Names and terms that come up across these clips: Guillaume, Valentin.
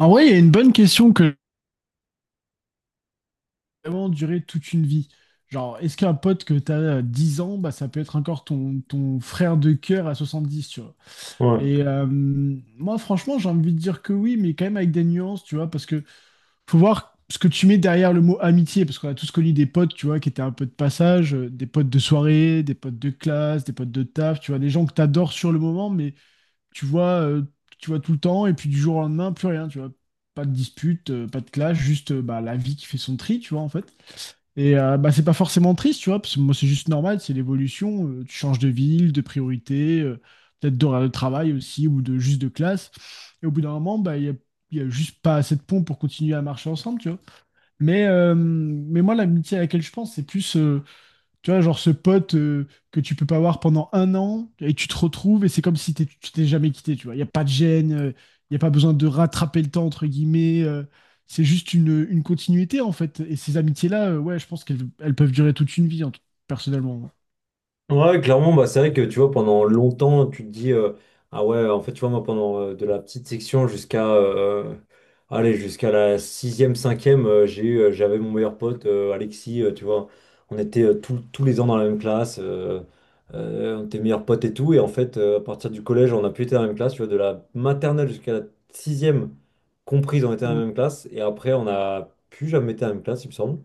En vrai, il y a une bonne question que vraiment durer toute une vie. Genre, est-ce qu'un pote que tu as 10 ans, bah, ça peut être encore ton frère de cœur à 70, tu vois. Ouais. Et moi, franchement, j'ai envie de dire que oui, mais quand même avec des nuances, tu vois, parce que faut voir ce que tu mets derrière le mot amitié, parce qu'on a tous connu des potes, tu vois, qui étaient un peu de passage, des potes de soirée, des potes de classe, des potes de taf, tu vois, des gens que tu adores sur le moment, mais tu vois, euh, tu vois tout le temps, et puis du jour au lendemain, plus rien, tu vois. Pas de dispute, pas de clash, juste bah, la vie qui fait son tri, tu vois, en fait. Et bah, c'est pas forcément triste, tu vois, parce que moi, c'est juste normal, c'est l'évolution. Tu changes de ville, de priorité, peut-être d'horaire de travail aussi, ou de juste de classe. Et au bout d'un moment, bah, il y a juste pas assez de pont pour continuer à marcher ensemble, tu vois. Mais moi, l'amitié à laquelle je pense, c'est plus. Tu vois, genre ce pote que tu peux pas voir pendant un an et tu te retrouves et c'est comme si tu t'es jamais quitté, tu vois. Il n'y a pas de gêne, il n'y a pas besoin de rattraper le temps, entre guillemets. C'est juste une continuité, en fait. Et ces amitiés-là, ouais, je pense qu'elles peuvent durer toute une vie, personnellement. Ouais, clairement, bah, c'est vrai que tu vois, pendant longtemps, tu te dis, ah ouais, en fait, tu vois, moi, pendant de la petite section jusqu'à allez, jusqu'à la sixième, cinquième, j'ai eu, j'avais mon meilleur pote, Alexis, tu vois, on était tous les ans dans la même classe, on était meilleurs potes et tout, et en fait, à partir du collège, on a pu être dans la même classe, tu vois, de la maternelle jusqu'à la sixième comprise, on était dans la Mm, même classe, et après, on n'a plus jamais été dans la même classe, il me semble.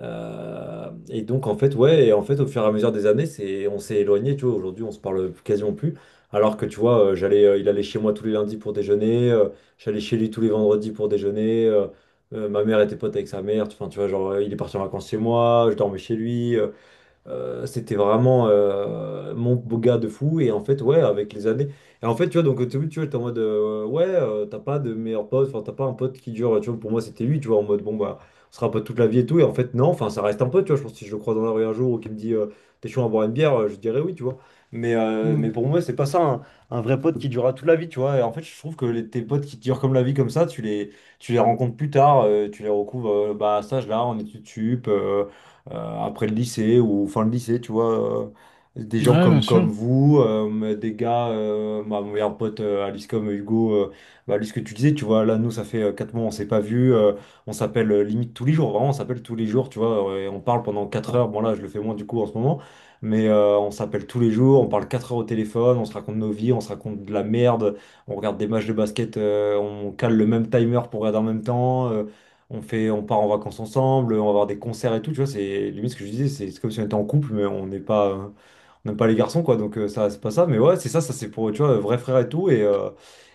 Et donc en fait ouais, et en fait au fur et à mesure des années, c'est on s'est éloigné, tu vois, aujourd'hui on se parle quasiment plus, alors que tu vois, j'allais il allait chez moi tous les lundis pour déjeuner, j'allais chez lui tous les vendredis pour déjeuner, ma mère était pote avec sa mère, enfin tu vois, genre il est parti en vacances chez moi, je dormais chez lui, c'était vraiment mon beau gars de fou. Et en fait, ouais, avec les années. Et en fait, tu vois, donc au début, tu vois, t'es en mode, ouais, t'as pas de meilleur pote, enfin, t'as pas un pote qui dure, tu vois, pour moi, c'était lui, tu vois, en mode, bon, bah, on sera pote toute la vie et tout. Et en fait, non, enfin, ça reste un pote, tu vois. Je pense que si je le croise dans la rue un jour ou qu'il me dit, t'es chaud à boire une bière, je dirais oui, tu vois. Mais mm. pour moi, c'est pas ça, un vrai pote qui durera toute la vie, tu vois. Et en fait, je trouve que les, tes potes qui durent comme la vie, comme ça, tu les rencontres plus tard, tu les recouvres, bah, à cet âge-là, en études sup. Après le lycée ou fin de lycée, tu vois. Des gens Ouais, bien comme, sûr. comme vous, des gars, ma mon meilleur pote Alice comme Hugo, bah, Alice que tu disais, tu vois, là nous ça fait 4 mois on s'est pas vu, on s'appelle limite tous les jours, vraiment on s'appelle tous les jours, tu vois, et on parle pendant 4 heures, bon là je le fais moins du coup en ce moment, mais on s'appelle tous les jours, on parle 4 heures au téléphone, on se raconte nos vies, on se raconte de la merde, on regarde des matchs de basket, on cale le même timer pour regarder en même temps. On fait, on part en vacances ensemble, on va voir des concerts et tout, tu vois, c'est limite ce que je disais, c'est comme si on était en couple, mais on n'est pas, on n'aime pas les garçons, quoi, donc ça, c'est pas ça. Mais ouais, c'est ça, ça c'est pour, tu vois, vrai frère et tout.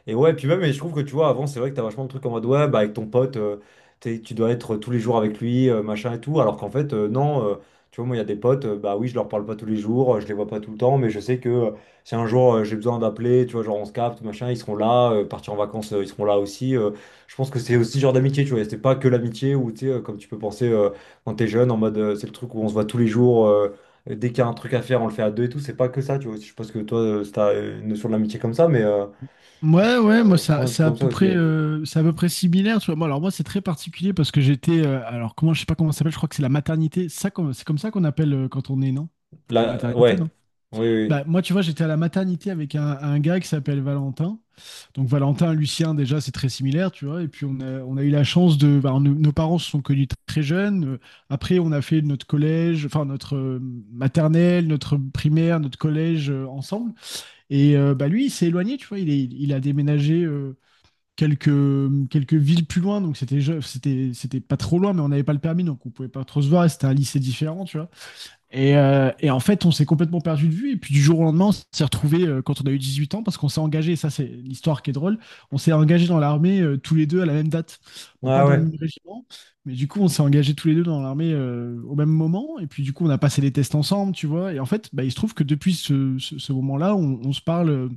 Et ouais, puis même, et je trouve que tu vois, avant, c'est vrai que t'as vachement de trucs en mode, ouais, bah, avec ton pote, tu dois être tous les jours avec lui, machin et tout. Alors qu'en fait, non, tu vois, moi, il y a des potes, bah oui, je leur parle pas tous les jours, je les vois pas tout le temps, mais je sais que si un jour j'ai besoin d'appeler, tu vois, genre on se capte, machin, ils seront là, partir en vacances, ils seront là aussi. Je pense que c'est aussi ce genre d'amitié, tu vois, c'est pas que l'amitié où, tu sais, comme tu peux penser quand t'es jeune, en mode, c'est le truc où on se voit tous les jours. Dès qu'il y a un truc à faire, on le fait à deux et tout. C'est pas que ça, tu vois. Je pense que toi, t'as une notion de l'amitié comme ça, Ouais, mais, ouais, moi, ça, prends un c'est truc à comme ça peu aussi. près, c'est à peu près similaire, tu vois. Moi, alors, moi, c'est très particulier parce que j'étais, alors, comment, je sais pas comment ça s'appelle, je crois que c'est la maternité. Ça, c'est comme ça qu'on appelle quand on est, non? La Là, maternité, ouais. non? Oui, Bah, oui. moi, tu vois, j'étais à la maternité avec un gars qui s'appelle Valentin. Donc, Valentin, Lucien, déjà, c'est très similaire, tu vois. Et puis, on a eu la chance de. Bah, nos parents se sont connus très jeunes. Après, on a fait notre collège, enfin, notre maternelle, notre primaire, notre collège ensemble. Et bah, lui, il s'est éloigné, tu vois. Il a déménagé quelques, quelques villes plus loin. Donc, c'était, c'était pas trop loin, mais on n'avait pas le permis. Donc, on pouvait pas trop se voir. Et c'était un lycée différent, tu vois. Et en fait, on s'est complètement perdu de vue. Et puis du jour au lendemain, on s'est retrouvé quand on a eu 18 ans, parce qu'on s'est engagé, ça c'est l'histoire qui est drôle, on s'est engagé dans l'armée tous les deux à la même date. Oui. Bon, Ouais, pas dans le ouais. même régiment, mais du coup, on s'est engagés tous les deux dans l'armée au même moment. Et puis du coup, on a passé les tests ensemble, tu vois. Et en fait, bah, il se trouve que depuis ce moment-là,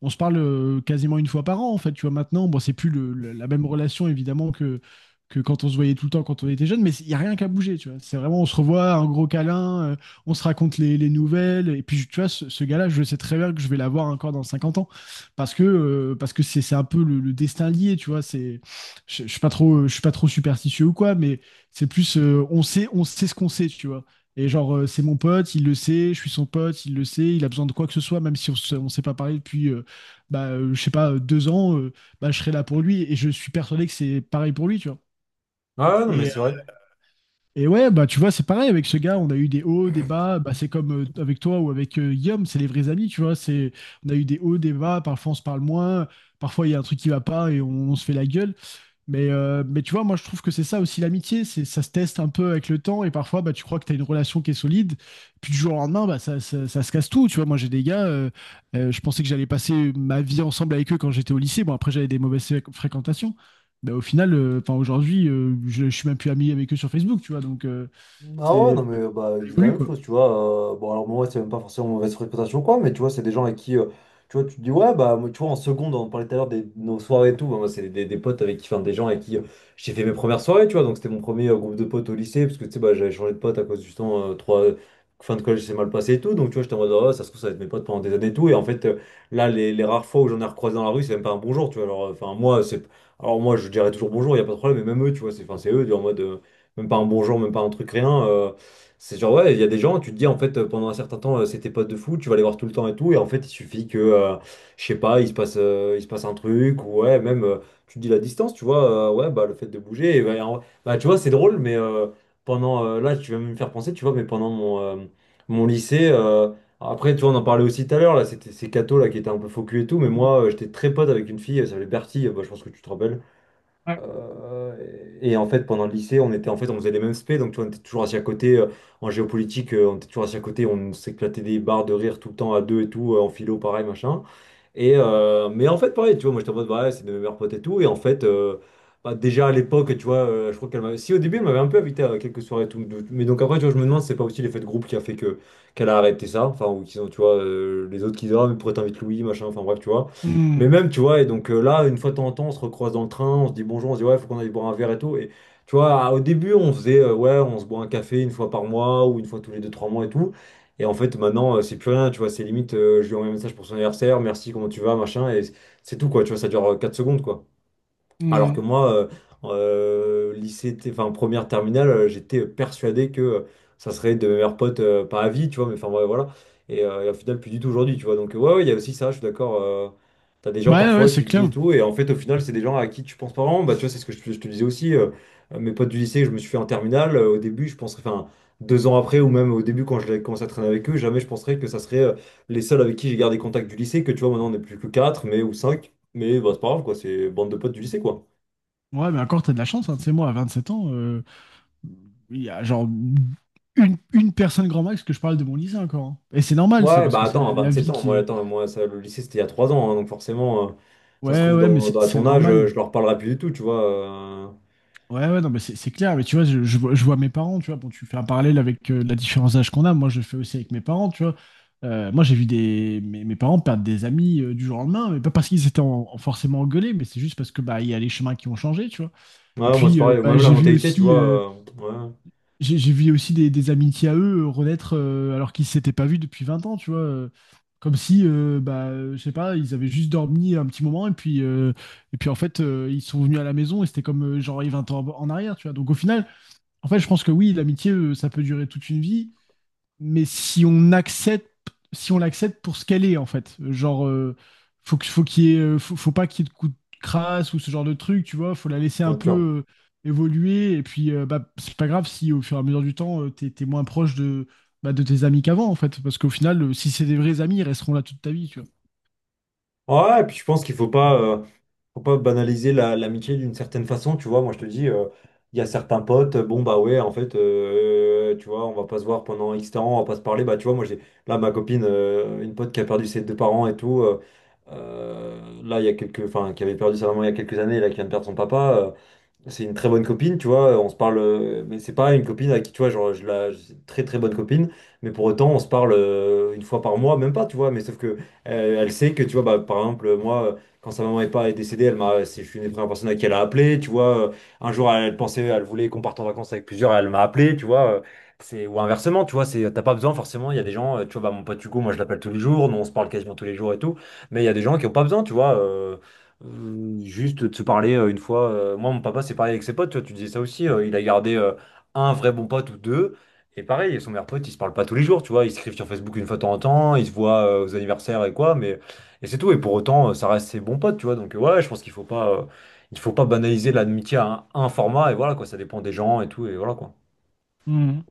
on se parle quasiment une fois par an, en fait, tu vois, maintenant. Bon, c'est plus la même relation, évidemment, que quand on se voyait tout le temps quand on était jeune, mais il n'y a rien qu'à bouger, tu vois. C'est vraiment, on se revoit, un gros câlin, on se raconte les nouvelles, et puis, tu vois, ce gars-là, je sais très bien que je vais l'avoir encore dans 50 ans, parce que c'est un peu le destin lié, tu vois, c'est... Je suis pas trop, je suis pas trop superstitieux ou quoi, mais c'est plus, on sait ce qu'on sait, tu vois. Et genre, c'est mon pote, il le sait, je suis son pote, il le sait, il a besoin de quoi que ce soit, même si on ne s'est pas parlé depuis bah, je sais pas, deux ans, bah, je serai là pour lui. Et je suis persuadé que c'est pareil pour lui, tu vois. Ouais, ouais, non, mais Et, euh, c'est vrai. et ouais, bah, tu vois, c'est pareil avec ce gars. On a eu des hauts, des bas. Bah, c'est comme avec toi ou avec Guillaume, c'est les vrais amis, tu vois. C'est, on a eu des hauts, des bas. Parfois, on se parle moins. Parfois, il y a un truc qui va pas et on se fait la gueule. Mais tu vois, moi je trouve que c'est ça aussi l'amitié, c'est ça se teste un peu avec le temps et parfois bah, tu crois que tu as une relation qui est solide, puis du jour au lendemain, bah, ça se casse tout. Tu vois, moi j'ai des gars, je pensais que j'allais passer ma vie ensemble avec eux quand j'étais au lycée. Bon, après j'avais des mauvaises fréquentations, mais au final, enfin aujourd'hui, je suis même plus ami avec eux sur Facebook, tu vois, donc Ah c'est ouais, non ça mais bah, c'est la évolue même quoi. chose, tu vois. Bon, alors moi, c'est même pas forcément mauvaise fréquentation ou quoi, mais tu vois, c'est des gens avec qui, tu vois, tu te dis, ouais, bah, moi, tu vois, en seconde, on parlait tout à l'heure des nos soirées et tout. Bah, moi, c'est des potes avec qui, enfin, des gens avec qui j'ai fait mes premières soirées, tu vois. Donc, c'était mon premier groupe de potes au lycée, parce que, tu sais, bah, j'avais changé de pote à cause, justement, trois fin de collège, c'est mal passé et tout. Donc, tu vois, j'étais en mode, ah, ça se trouve, ça va être mes potes pendant des années et tout. Et en fait, là, les rares fois où j'en ai recroisé dans la rue, c'est même pas un bonjour, tu vois. Alors, enfin, moi, c'est. Alors, moi, je dirais toujours bonjour, il a pas de problème, mais même eux, tu vois, c'est enfin, c'est eux, en mode. Même pas un bonjour, même pas un truc, rien. C'est genre, ouais, il y a des gens, tu te dis, en fait, pendant un certain temps, c'est tes potes de foot, tu vas les voir tout le temps et tout, et en fait, il suffit que, je sais pas, il se passe un truc, ou ouais, même, tu te dis la distance, tu vois, ouais, bah, le fait de bouger, et bah, bah, tu vois, c'est drôle, mais pendant, là, tu vas me faire penser, tu vois, mais pendant mon, mon lycée, après, tu vois, on en parlait aussi tout à l'heure, là, c'était ces cathos, là, qui étaient un peu focus et tout, mais Mm. moi, j'étais très pote avec une fille, elle s'appelait Bertie, bah, je pense que tu te rappelles. Ouais, Euh, et en fait, pendant le lycée, on était en fait, on faisait les mêmes spé, donc tu vois, on était toujours assis à côté en géopolitique, on était toujours assis à côté, on s'éclatait des barres de rire tout le temps à deux et tout, en philo, pareil, machin. Et, mais en fait, pareil, tu vois, moi j'étais en mode, bah, ouais, c'est de mes meilleurs potes et tout. Et en fait, bah, déjà à l'époque, tu vois, je crois qu'elle m'avait. Si au début, elle m'avait un peu invité à quelques soirées et tout. Mais donc après, tu vois, je me demande si c'est pas aussi l'effet de groupe qui a fait que qu'elle a arrêté ça. Enfin, ou qu'ils ont, tu vois, les autres qui disent, ah, mais pourquoi t'invites Louis, machin, enfin bref, tu vois. Mais mm. même, tu vois, et donc là, une fois de temps en temps, on se recroise dans le train, on se dit bonjour, on se dit, ouais, faut qu'on aille boire un verre et tout. Et tu vois, au début, on faisait, ouais, on se boit un café une fois par mois ou une fois tous les deux, trois mois et tout. Et en fait, maintenant, c'est plus rien, tu vois, c'est limite, je lui envoie un message pour son anniversaire, merci, comment tu vas, machin, et c'est tout, quoi, tu vois, ça dure 4 secondes, quoi. Alors que Mm. moi, lycée, enfin première terminale, j'étais persuadé que ça serait de mes meilleurs potes, pas à vie, tu vois, mais enfin ouais, voilà. Et au final, plus du tout aujourd'hui, tu vois. Donc ouais, ouais, il y a aussi ça, je suis d'accord. T'as des gens Ouais, ouais, parfois, c'est tu te dis et clair. tout, et en fait, au final, c'est des gens à qui tu penses pas vraiment. Bah, tu vois, c'est ce que je te disais aussi. Mes potes du lycée, que je me suis fait en terminale. Au début, je penserais, enfin, deux ans après, ou même au début, quand je l'ai commencé à traîner avec eux, jamais je penserais que ça serait les seuls avec qui j'ai gardé contact du lycée, que tu vois, maintenant on n'est plus que quatre, mais ou cinq. Mais bah, c'est pas grave, quoi, c'est bande de potes du lycée, quoi. Ouais, mais encore, t'as de la chance, hein. Tu sais, moi, à 27 ans, il y a genre une personne grand max que je parle de mon lycée encore. Hein. Et c'est normal, c'est Ouais, parce bah que c'est attends, à la 27 vie ans, moi, qui est. attends, moi, ça, le lycée, c'était il y a 3 ans, hein, donc forcément, ça se Ouais, trouve, ouais, mais dans, à c'est ton âge, normal. je leur parlerai plus du tout, tu vois. Ouais, ouais, non, mais c'est clair. Mais tu vois, je vois mes parents, tu vois. Bon, tu fais un parallèle avec la différence d'âge qu'on a. Moi, je le fais aussi avec mes parents, tu vois. Moi, j'ai vu mes parents perdre des amis du jour au lendemain, mais pas parce qu'ils étaient en forcément engueulés, mais c'est juste parce que bah, il y a les chemins qui ont changé, tu vois. Et Ouais, moi, c'est puis, pareil, bah, même la j'ai vu mentalité, tu aussi. vois, euh, ouais, J'ai vu aussi des amitiés à eux renaître alors qu'ils s'étaient pas vus depuis 20 ans, tu vois. Comme si, bah, je sais pas, ils avaient juste dormi un petit moment et puis en fait, ils sont venus à la maison et c'était comme genre il y a 20 ans en arrière, tu vois. Donc au final, en fait, je pense que oui, l'amitié, ça peut durer toute une vie mais si on accepte, si on l'accepte pour ce qu'elle est, en fait. Genre, faut qu'il y ait, faut pas qu'il y ait de coups de crasse ou ce genre de truc, tu vois. Faut la laisser un bien sûr. peu évoluer. Et puis, bah, c'est pas grave si au fur et à mesure du temps, t'es moins proche de, bah, de tes amis qu'avant, en fait. Parce qu'au final, si c'est des vrais amis, ils resteront là toute ta vie, tu Ouais, et puis je pense qu'il faut pas banaliser l'amitié d'une certaine façon, tu vois. Moi, je te dis, il y a certains potes, bon, bah ouais, en fait, tu vois, on va pas se voir pendant X temps, on va pas se parler. Bah, tu vois, moi, j'ai là ma copine, une pote qui a perdu ses deux parents et tout, là, il y a quelques, enfin, qui avait perdu sa maman il y a quelques années, là, qui vient de perdre son papa. C'est une très bonne copine, tu vois, on se parle, mais c'est pas une copine à qui, tu vois, genre, je la, c'est une très très bonne copine, mais pour autant, on se parle une fois par mois, même pas, tu vois, mais sauf que elle sait que, tu vois, bah, par exemple, moi, quand sa maman est pas est décédée, elle m'a, je suis une des premières personnes à qui elle a appelé, tu vois, un jour, elle, elle pensait, elle voulait qu'on parte en vacances avec plusieurs, elle m'a appelé, tu vois, c'est, ou inversement, tu vois, c'est, t'as pas besoin, forcément, il y a des gens, tu vois, bah, mon pote Hugo, moi, je l'appelle tous les jours, nous, on se parle quasiment tous les jours et tout, mais il y a des gens qui ont pas besoin, tu vois, juste de se parler une fois. Moi, mon papa, c'est pareil avec ses potes, tu vois, tu disais ça aussi. Il a gardé un vrai bon pote ou deux. Et pareil, son meilleur pote, ils se parlent pas tous les jours, tu vois. Ils s'écrivent sur Facebook une fois de temps en temps, ils se voient aux anniversaires et quoi, mais et c'est tout. Et pour autant, ça reste ses bons potes, tu vois. Donc, ouais, je pense qu'il faut pas, il faut pas banaliser l'amitié à un format. Et voilà, quoi, ça dépend des gens et tout. Et voilà, quoi. vois.